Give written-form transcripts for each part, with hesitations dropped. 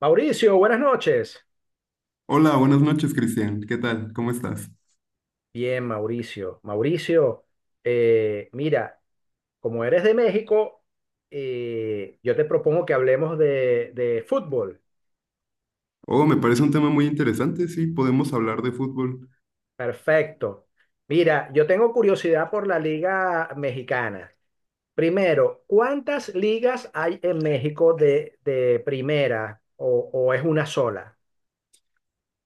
Mauricio, buenas noches. Hola, buenas noches, Cristian. ¿Qué tal? ¿Cómo estás? Bien, Mauricio. Mauricio, mira, como eres de México, yo te propongo que hablemos de fútbol. Oh, me parece un tema muy interesante. Sí, podemos hablar de fútbol. Perfecto. Mira, yo tengo curiosidad por la liga mexicana. Primero, ¿cuántas ligas hay en México de primera o es una sola?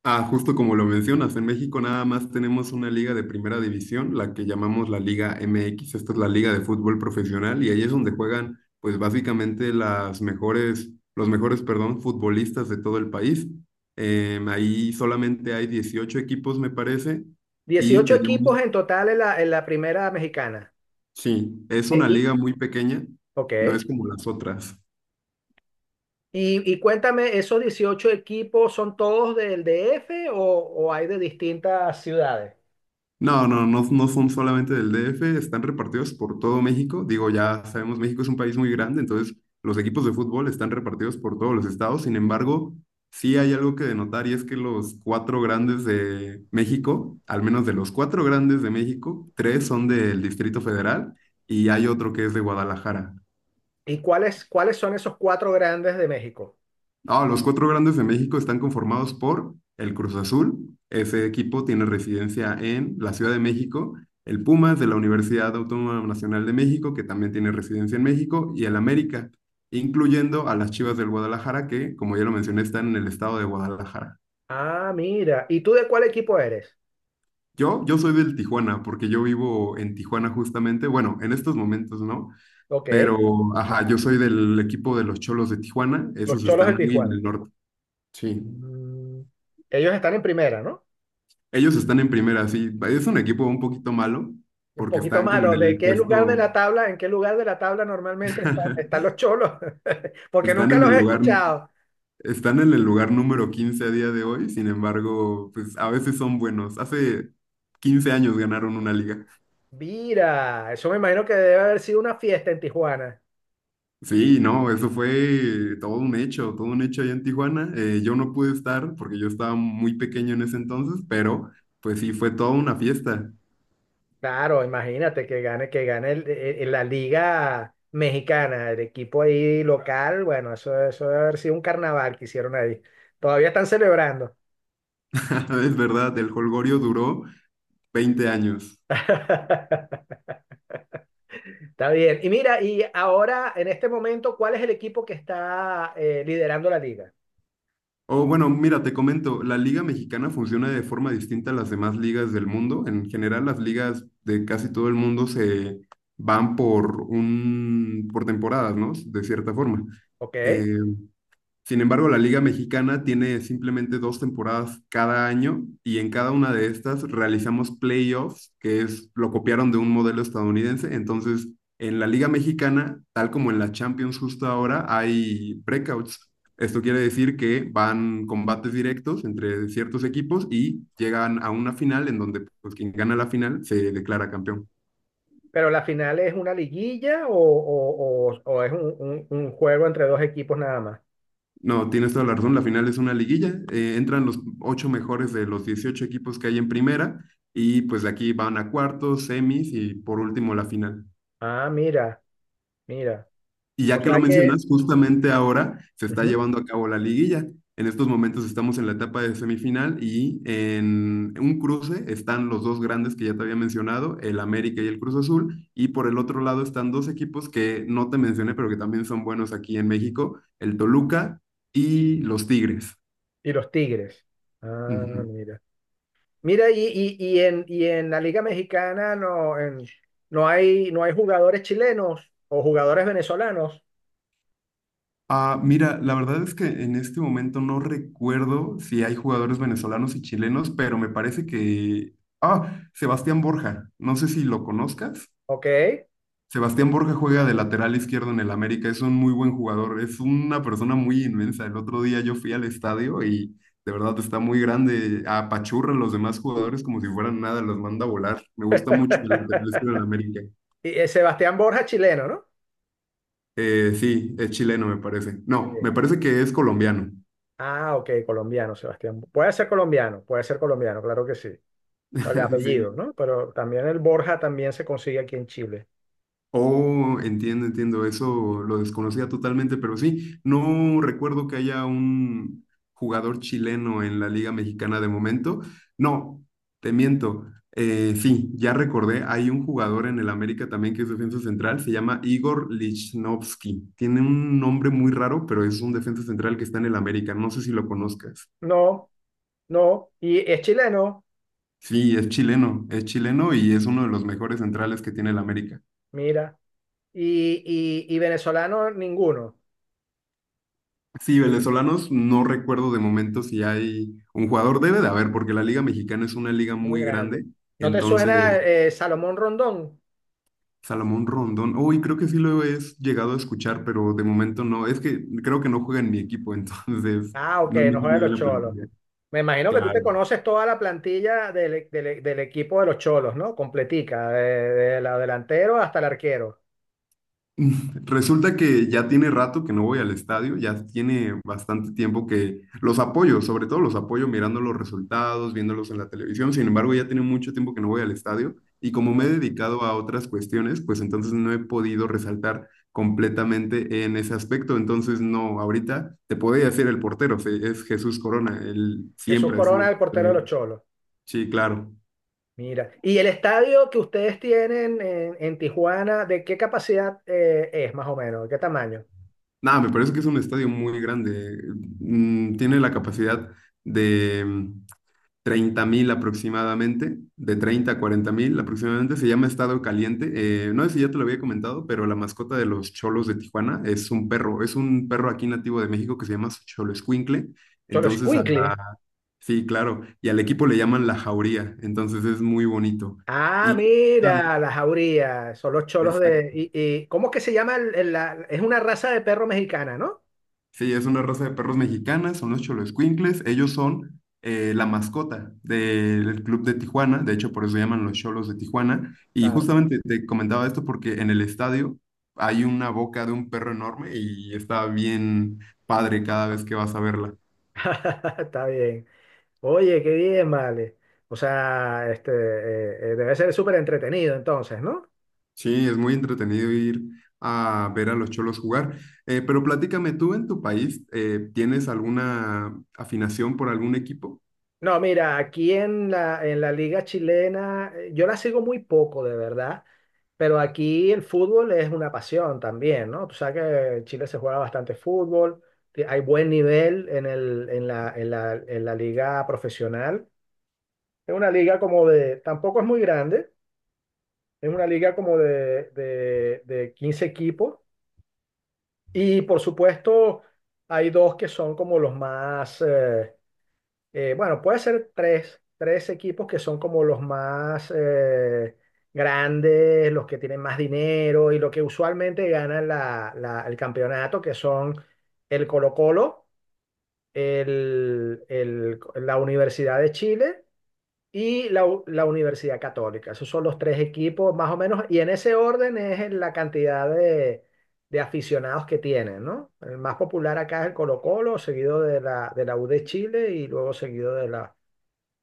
Ah, justo como lo mencionas, en México nada más tenemos una liga de primera división, la que llamamos la Liga MX. Esta es la liga de fútbol profesional y ahí es donde juegan, pues básicamente las mejores, los mejores, perdón, futbolistas de todo el país. Ahí solamente hay 18 equipos, me parece, y 18 tenemos, equipos en total en la primera mexicana. sí, es De- una y- liga muy pequeña, no ok. es como las otras. Y cuéntame, ¿esos 18 equipos son todos del DF o hay de distintas ciudades? No, no, no, no son solamente del DF, están repartidos por todo México. Digo, ya sabemos, México es un país muy grande, entonces los equipos de fútbol están repartidos por todos los estados. Sin embargo, sí hay algo que denotar y es que los cuatro grandes de México, al menos de los cuatro grandes de México, tres son del Distrito Federal y hay otro que es de Guadalajara. ¿Y cuáles son esos cuatro grandes de México? Ah, los cuatro grandes de México están conformados por el Cruz Azul, ese equipo tiene residencia en la Ciudad de México, el Pumas de la Universidad Autónoma Nacional de México, que también tiene residencia en México, y el América, incluyendo a las Chivas del Guadalajara, que, como ya lo mencioné, están en el estado de Guadalajara. Ah, mira. ¿Y tú de cuál equipo eres? Yo soy del Tijuana, porque yo vivo en Tijuana justamente, bueno, en estos momentos no, Ok, pero, ajá, yo soy del equipo de los Cholos de Tijuana, los esos Cholos de están muy en Tijuana. el norte. Sí. Mm, Ellos están en primera, ¿no? Ellos están en primera, sí. Es un equipo un poquito malo Un porque poquito están como en malo. ¿De el qué lugar de puesto, la tabla, en qué lugar de la tabla normalmente están los Cholos? Porque están nunca en los el he lugar, escuchado. están en el lugar número 15 a día de hoy. Sin embargo, pues a veces son buenos. Hace 15 años ganaron una liga. Mira, eso me imagino que debe haber sido una fiesta en Tijuana. Sí, no, eso fue todo un hecho allá en Tijuana. Yo no pude estar porque yo estaba muy pequeño en ese entonces, pero pues sí, fue toda una fiesta. Claro, imagínate que gane la liga mexicana, el equipo ahí local, bueno, eso debe haber sido un carnaval que hicieron ahí. Todavía están celebrando. Es verdad, el jolgorio duró 20 años. Está bien. Y mira, y ahora, en este momento, ¿cuál es el equipo que está liderando la liga? Oh, bueno, mira, te comento, la Liga Mexicana funciona de forma distinta a las demás ligas del mundo. En general, las ligas de casi todo el mundo se van por temporadas, ¿no? De cierta forma. ¿Ok? Eh, Sin embargo, la Liga Mexicana tiene simplemente dos temporadas cada año y en cada una de estas realizamos playoffs, que es lo copiaron de un modelo estadounidense. Entonces, en la Liga Mexicana, tal como en la Champions justo ahora, hay breakouts. Esto quiere decir que van combates directos entre ciertos equipos y llegan a una final en donde pues, quien gana la final se declara campeón. ¿Pero la final es una liguilla o es un juego entre dos equipos nada más? No, tienes toda la razón. La final es una liguilla. Entran los ocho mejores de los 18 equipos que hay en primera y pues de aquí van a cuartos, semis y por último la final. Ah, mira, mira. Y O ya que lo sea que. mencionas, justamente ahora se está Ujú. llevando a cabo la liguilla. En estos momentos estamos en la etapa de semifinal y en un cruce están los dos grandes que ya te había mencionado, el América y el Cruz Azul. Y por el otro lado están dos equipos que no te mencioné, pero que también son buenos aquí en México, el Toluca y los Tigres. Y los Tigres. Ah, Ujú. mira. Mira, y en la Liga Mexicana no, no hay jugadores chilenos o jugadores venezolanos, Ah, mira, la verdad es que en este momento no recuerdo si hay jugadores venezolanos y chilenos, pero me parece que. Ah, Sebastián Borja, no sé si lo conozcas. ¿ok? Sebastián Borja juega de lateral izquierdo en el América, es un muy buen jugador, es una persona muy inmensa. El otro día yo fui al estadio y de verdad está muy grande, apachurra a los demás jugadores como si fueran nada, los manda a volar. Me gusta mucho el lateral izquierdo en el América. Y, Sebastián Borja, chileno, ¿no? Sí, es chileno me parece. No, Sí. me parece que es colombiano. Ah, ok, colombiano, Sebastián. Puede ser colombiano, claro que sí. Por el Sí. apellido, ¿no? Pero también el Borja también se consigue aquí en Chile. Oh, entiendo, entiendo, eso lo desconocía totalmente, pero sí, no recuerdo que haya un jugador chileno en la Liga Mexicana de momento. No, te miento. Sí, ya recordé, hay un jugador en el América también que es defensa central, se llama Igor Lichnowsky. Tiene un nombre muy raro, pero es un defensa central que está en el América, no sé si lo conozcas. No, no. Y es chileno, Sí, es chileno y es uno de los mejores centrales que tiene el América. mira. Y venezolano, ninguno. Sí, venezolanos, no recuerdo de momento si hay un jugador, debe de haber, porque la Liga Mexicana es una liga Muy muy grande. grande. ¿No te suena Entonces, Salomón Rondón? Salomón Rondón, uy, creo que sí lo he llegado a escuchar, pero de momento no. Es que creo que no juega en mi equipo, entonces Ah, ok, no me sé no muy juegan bien los la cholos. plantilla. Me imagino que tú te Claro. conoces toda la plantilla del equipo de los cholos, ¿no? Completica, de la delantero hasta el arquero. Resulta que ya tiene rato que no voy al estadio, ya tiene bastante tiempo que los apoyo, sobre todo los apoyo mirando los resultados, viéndolos en la televisión, sin embargo ya tiene mucho tiempo que no voy al estadio y como me he Ah, dedicado a otras cuestiones, pues entonces no he podido resaltar completamente en ese aspecto, entonces no, ahorita te podría decir el portero, es Jesús Corona, él Jesús siempre ha Corona sido es el portero portero de los ahí. cholos. Sí, claro. Mira. ¿Y el estadio que ustedes tienen en Tijuana, de qué capacidad es más o menos? ¿De qué tamaño? Nada, me parece que es un estadio muy grande, tiene la capacidad de 30.000 aproximadamente, de 30.000 a 40.000 aproximadamente, se llama Estado Caliente. No sé si ya te lo había comentado, pero la mascota de los cholos de Tijuana es un perro aquí nativo de México que se llama Xoloescuincle. Cholos Entonces, Escuincle. Sí, claro, y al equipo le llaman la Jauría, entonces es muy bonito. Ah, Y, mira, las jaurías, son los cholos de. ¿Cómo es que se llama? Es una raza de perro mexicana, ¿no? Sí, es una raza de perros mexicanas, son los Xoloescuincles. Ellos son la mascota del club de Tijuana, de hecho por eso se llaman los Cholos de Tijuana. Y Claro. justamente te comentaba esto porque en el estadio hay una boca de un perro enorme y está bien padre cada vez que vas a verla. Está bien. Oye, qué bien, vale. O sea, este, debe ser súper entretenido entonces, ¿no? Sí, es muy entretenido ir a ver a los Cholos jugar. Pero platícame, ¿tú en tu país tienes alguna afinación por algún equipo? No, mira, aquí en la liga chilena, yo la sigo muy poco, de verdad, pero aquí el fútbol es una pasión también, ¿no? Tú sabes que en Chile se juega bastante fútbol, que hay buen nivel en el, en la, en la, en la liga profesional. Es una liga tampoco es muy grande, es una liga como de 15 equipos. Y por supuesto, hay dos que son como los más, bueno, puede ser tres equipos que son como los más grandes, los que tienen más dinero y lo que usualmente ganan el campeonato, que son el Colo-Colo, la Universidad de Chile y la Universidad Católica. Esos son los tres equipos más o menos, y en ese orden es en la cantidad de aficionados que tienen, ¿no? El más popular acá es el Colo-Colo, seguido de la U de Chile y luego seguido de, la,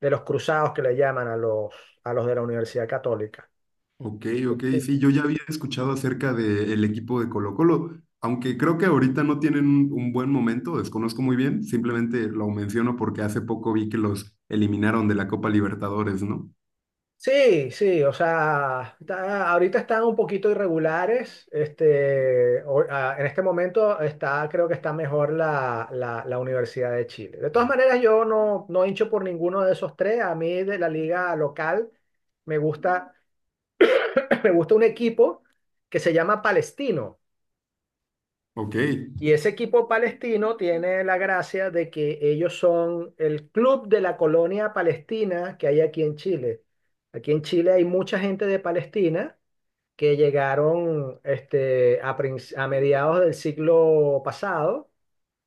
de los Cruzados que le llaman a los, de la Universidad Católica. Ok, ok, sí, yo ya había escuchado acerca del equipo de Colo-Colo, aunque creo que ahorita no tienen un buen momento, desconozco muy bien, simplemente lo menciono porque hace poco vi que los eliminaron de la Copa Libertadores, ¿no? Sí, sí, o sea, ahorita están un poquito irregulares. Este, en este momento creo que está mejor la Universidad de Chile. De todas maneras, yo no hincho por ninguno de esos tres. A mí de la liga local me gusta, me gusta un equipo que se llama Palestino. Ok, Y ese equipo palestino tiene la gracia de que ellos son el club de la colonia palestina que hay aquí en Chile. Aquí en Chile hay mucha gente de Palestina que llegaron este, a mediados del siglo pasado,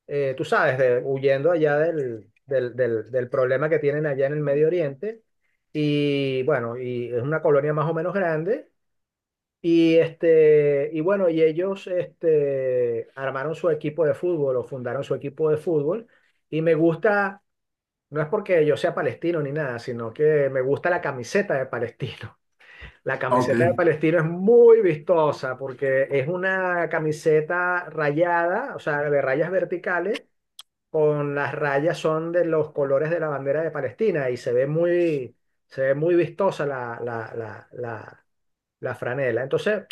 tú sabes, huyendo allá del problema que tienen allá en el Medio Oriente. Y bueno, y es una colonia más o menos grande. Y, este, y bueno, y ellos este, armaron su equipo de fútbol o fundaron su equipo de fútbol. Y me gusta, no es porque yo sea palestino ni nada, sino que me gusta la camiseta de palestino. La ah, ok, camiseta de Palestino es muy vistosa porque es una camiseta rayada, o sea, de rayas verticales, con las rayas son de los colores de la bandera de Palestina y se ve muy vistosa la franela. Entonces,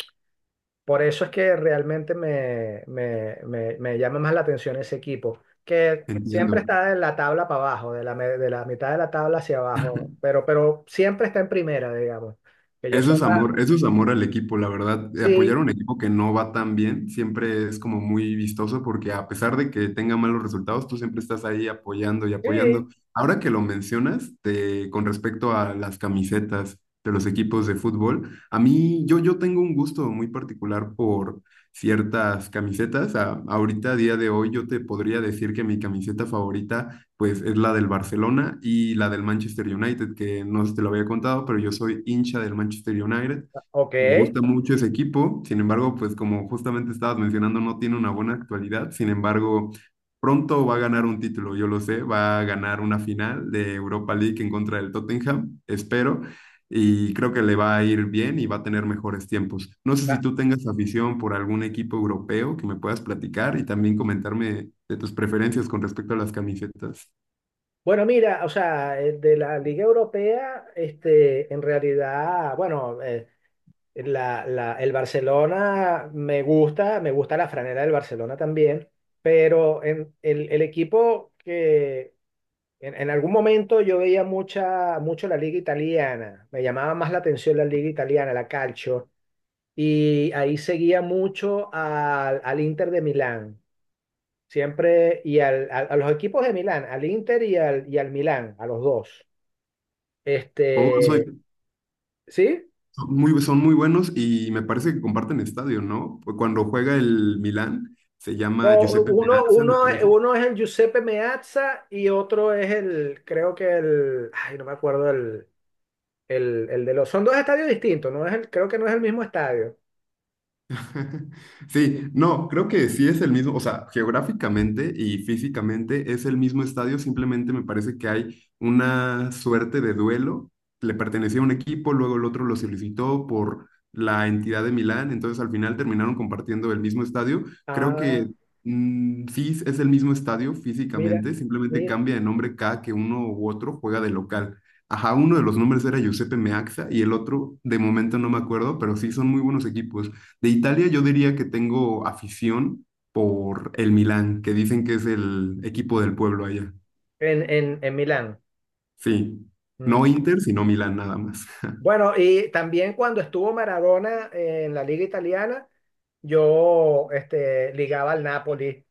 por eso es que realmente me llama más la atención ese equipo, que siempre entiendo. está de la tabla para abajo, de la mitad de la tabla hacia abajo, pero siempre está en primera, digamos. Que yo sepa, Eso es amor al equipo, la verdad. Apoyar sí, a un equipo que no va tan bien siempre es como muy vistoso porque a pesar de que tenga malos resultados, tú siempre estás ahí apoyando y sí, apoyando. Ahora que lo mencionas, con respecto a las camisetas de los equipos de fútbol, a mí yo, yo tengo un gusto muy particular por ciertas camisetas. Ahorita, a día de hoy, yo te podría decir que mi camiseta favorita pues es la del Barcelona y la del Manchester United, que no te lo había contado, pero yo soy hincha del Manchester United. ok. Me gusta mucho ese equipo, sin embargo, pues como justamente estabas mencionando, no tiene una buena actualidad, sin embargo, pronto va a ganar un título, yo lo sé, va a ganar una final de Europa League en contra del Tottenham, espero, y creo que le va a ir bien y va a tener mejores tiempos. No sé si Ah, tú tengas afición por algún equipo europeo que me puedas platicar y también comentarme de tus preferencias con respecto a las camisetas. bueno, mira, o sea, de la Liga Europea, este, en realidad, bueno, el Barcelona me gusta, la franela del Barcelona también, pero el equipo que en algún momento yo veía mucho la Liga Italiana, me llamaba más la atención la Liga Italiana, la Calcio, y ahí seguía mucho al Inter de Milán. Siempre, y a los equipos de Milán, al Inter y al Milán, a los dos. Oh, soy- Este, ¿sí? Son muy, son muy buenos y me parece que comparten estadio, ¿no? Pues cuando juega el Milán, se llama No, Giuseppe uno, Meazza, me uno, parece. uno es el Giuseppe Meazza y otro es creo que no me acuerdo el de los, son dos estadios distintos, no es el, creo que no es el mismo estadio. Sí, no, creo que sí es el mismo, o sea, geográficamente y físicamente es el mismo estadio, simplemente me parece que hay una suerte de duelo, le pertenecía a un equipo, luego el otro lo solicitó por la entidad de Milán, entonces al final terminaron compartiendo el mismo estadio. Creo Ah, que sí es el mismo estadio mira, físicamente, simplemente mira, cambia de nombre cada que uno u otro juega de local. Ajá, uno de los nombres era Giuseppe Meazza y el otro, de momento no me acuerdo, pero sí son muy buenos equipos. De Italia yo diría que tengo afición por el Milán, que dicen que es el equipo del pueblo allá. en Milán. Sí, no Mm. Inter, sino Milán nada más. Bueno, y también cuando estuvo Maradona en la liga italiana, yo este, ligaba al Napoli.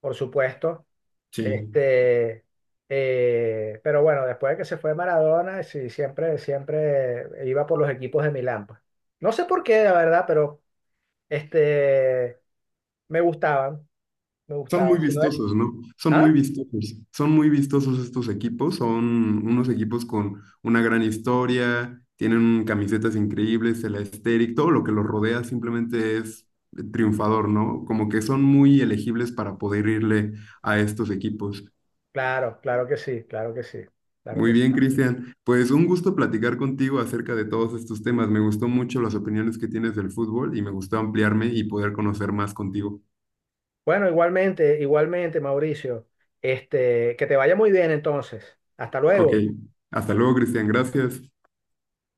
Por supuesto. Sí, Este, pero bueno, después de que se fue Maradona, sí, siempre, siempre iba por los equipos de Milán. Pues. No sé por qué, la verdad, pero este, me gustaban, me son muy gustaban. Si no es- vistosos, ¿no? Ah, Son muy vistosos estos equipos, son unos equipos con una gran historia, tienen camisetas increíbles, el aesthetic, todo lo que los rodea simplemente es triunfador, ¿no? Como que son muy elegibles para poder irle a estos equipos. claro, que sí, claro que sí, claro Muy que sí. bien, Cristian. Pues un gusto platicar contigo acerca de todos estos temas. Me gustó mucho las opiniones que tienes del fútbol y me gustó ampliarme y poder conocer más contigo. Bueno, igualmente, igualmente, Mauricio, este, que te vaya muy bien entonces. Hasta Ok, luego. hasta luego, Cristian. Gracias.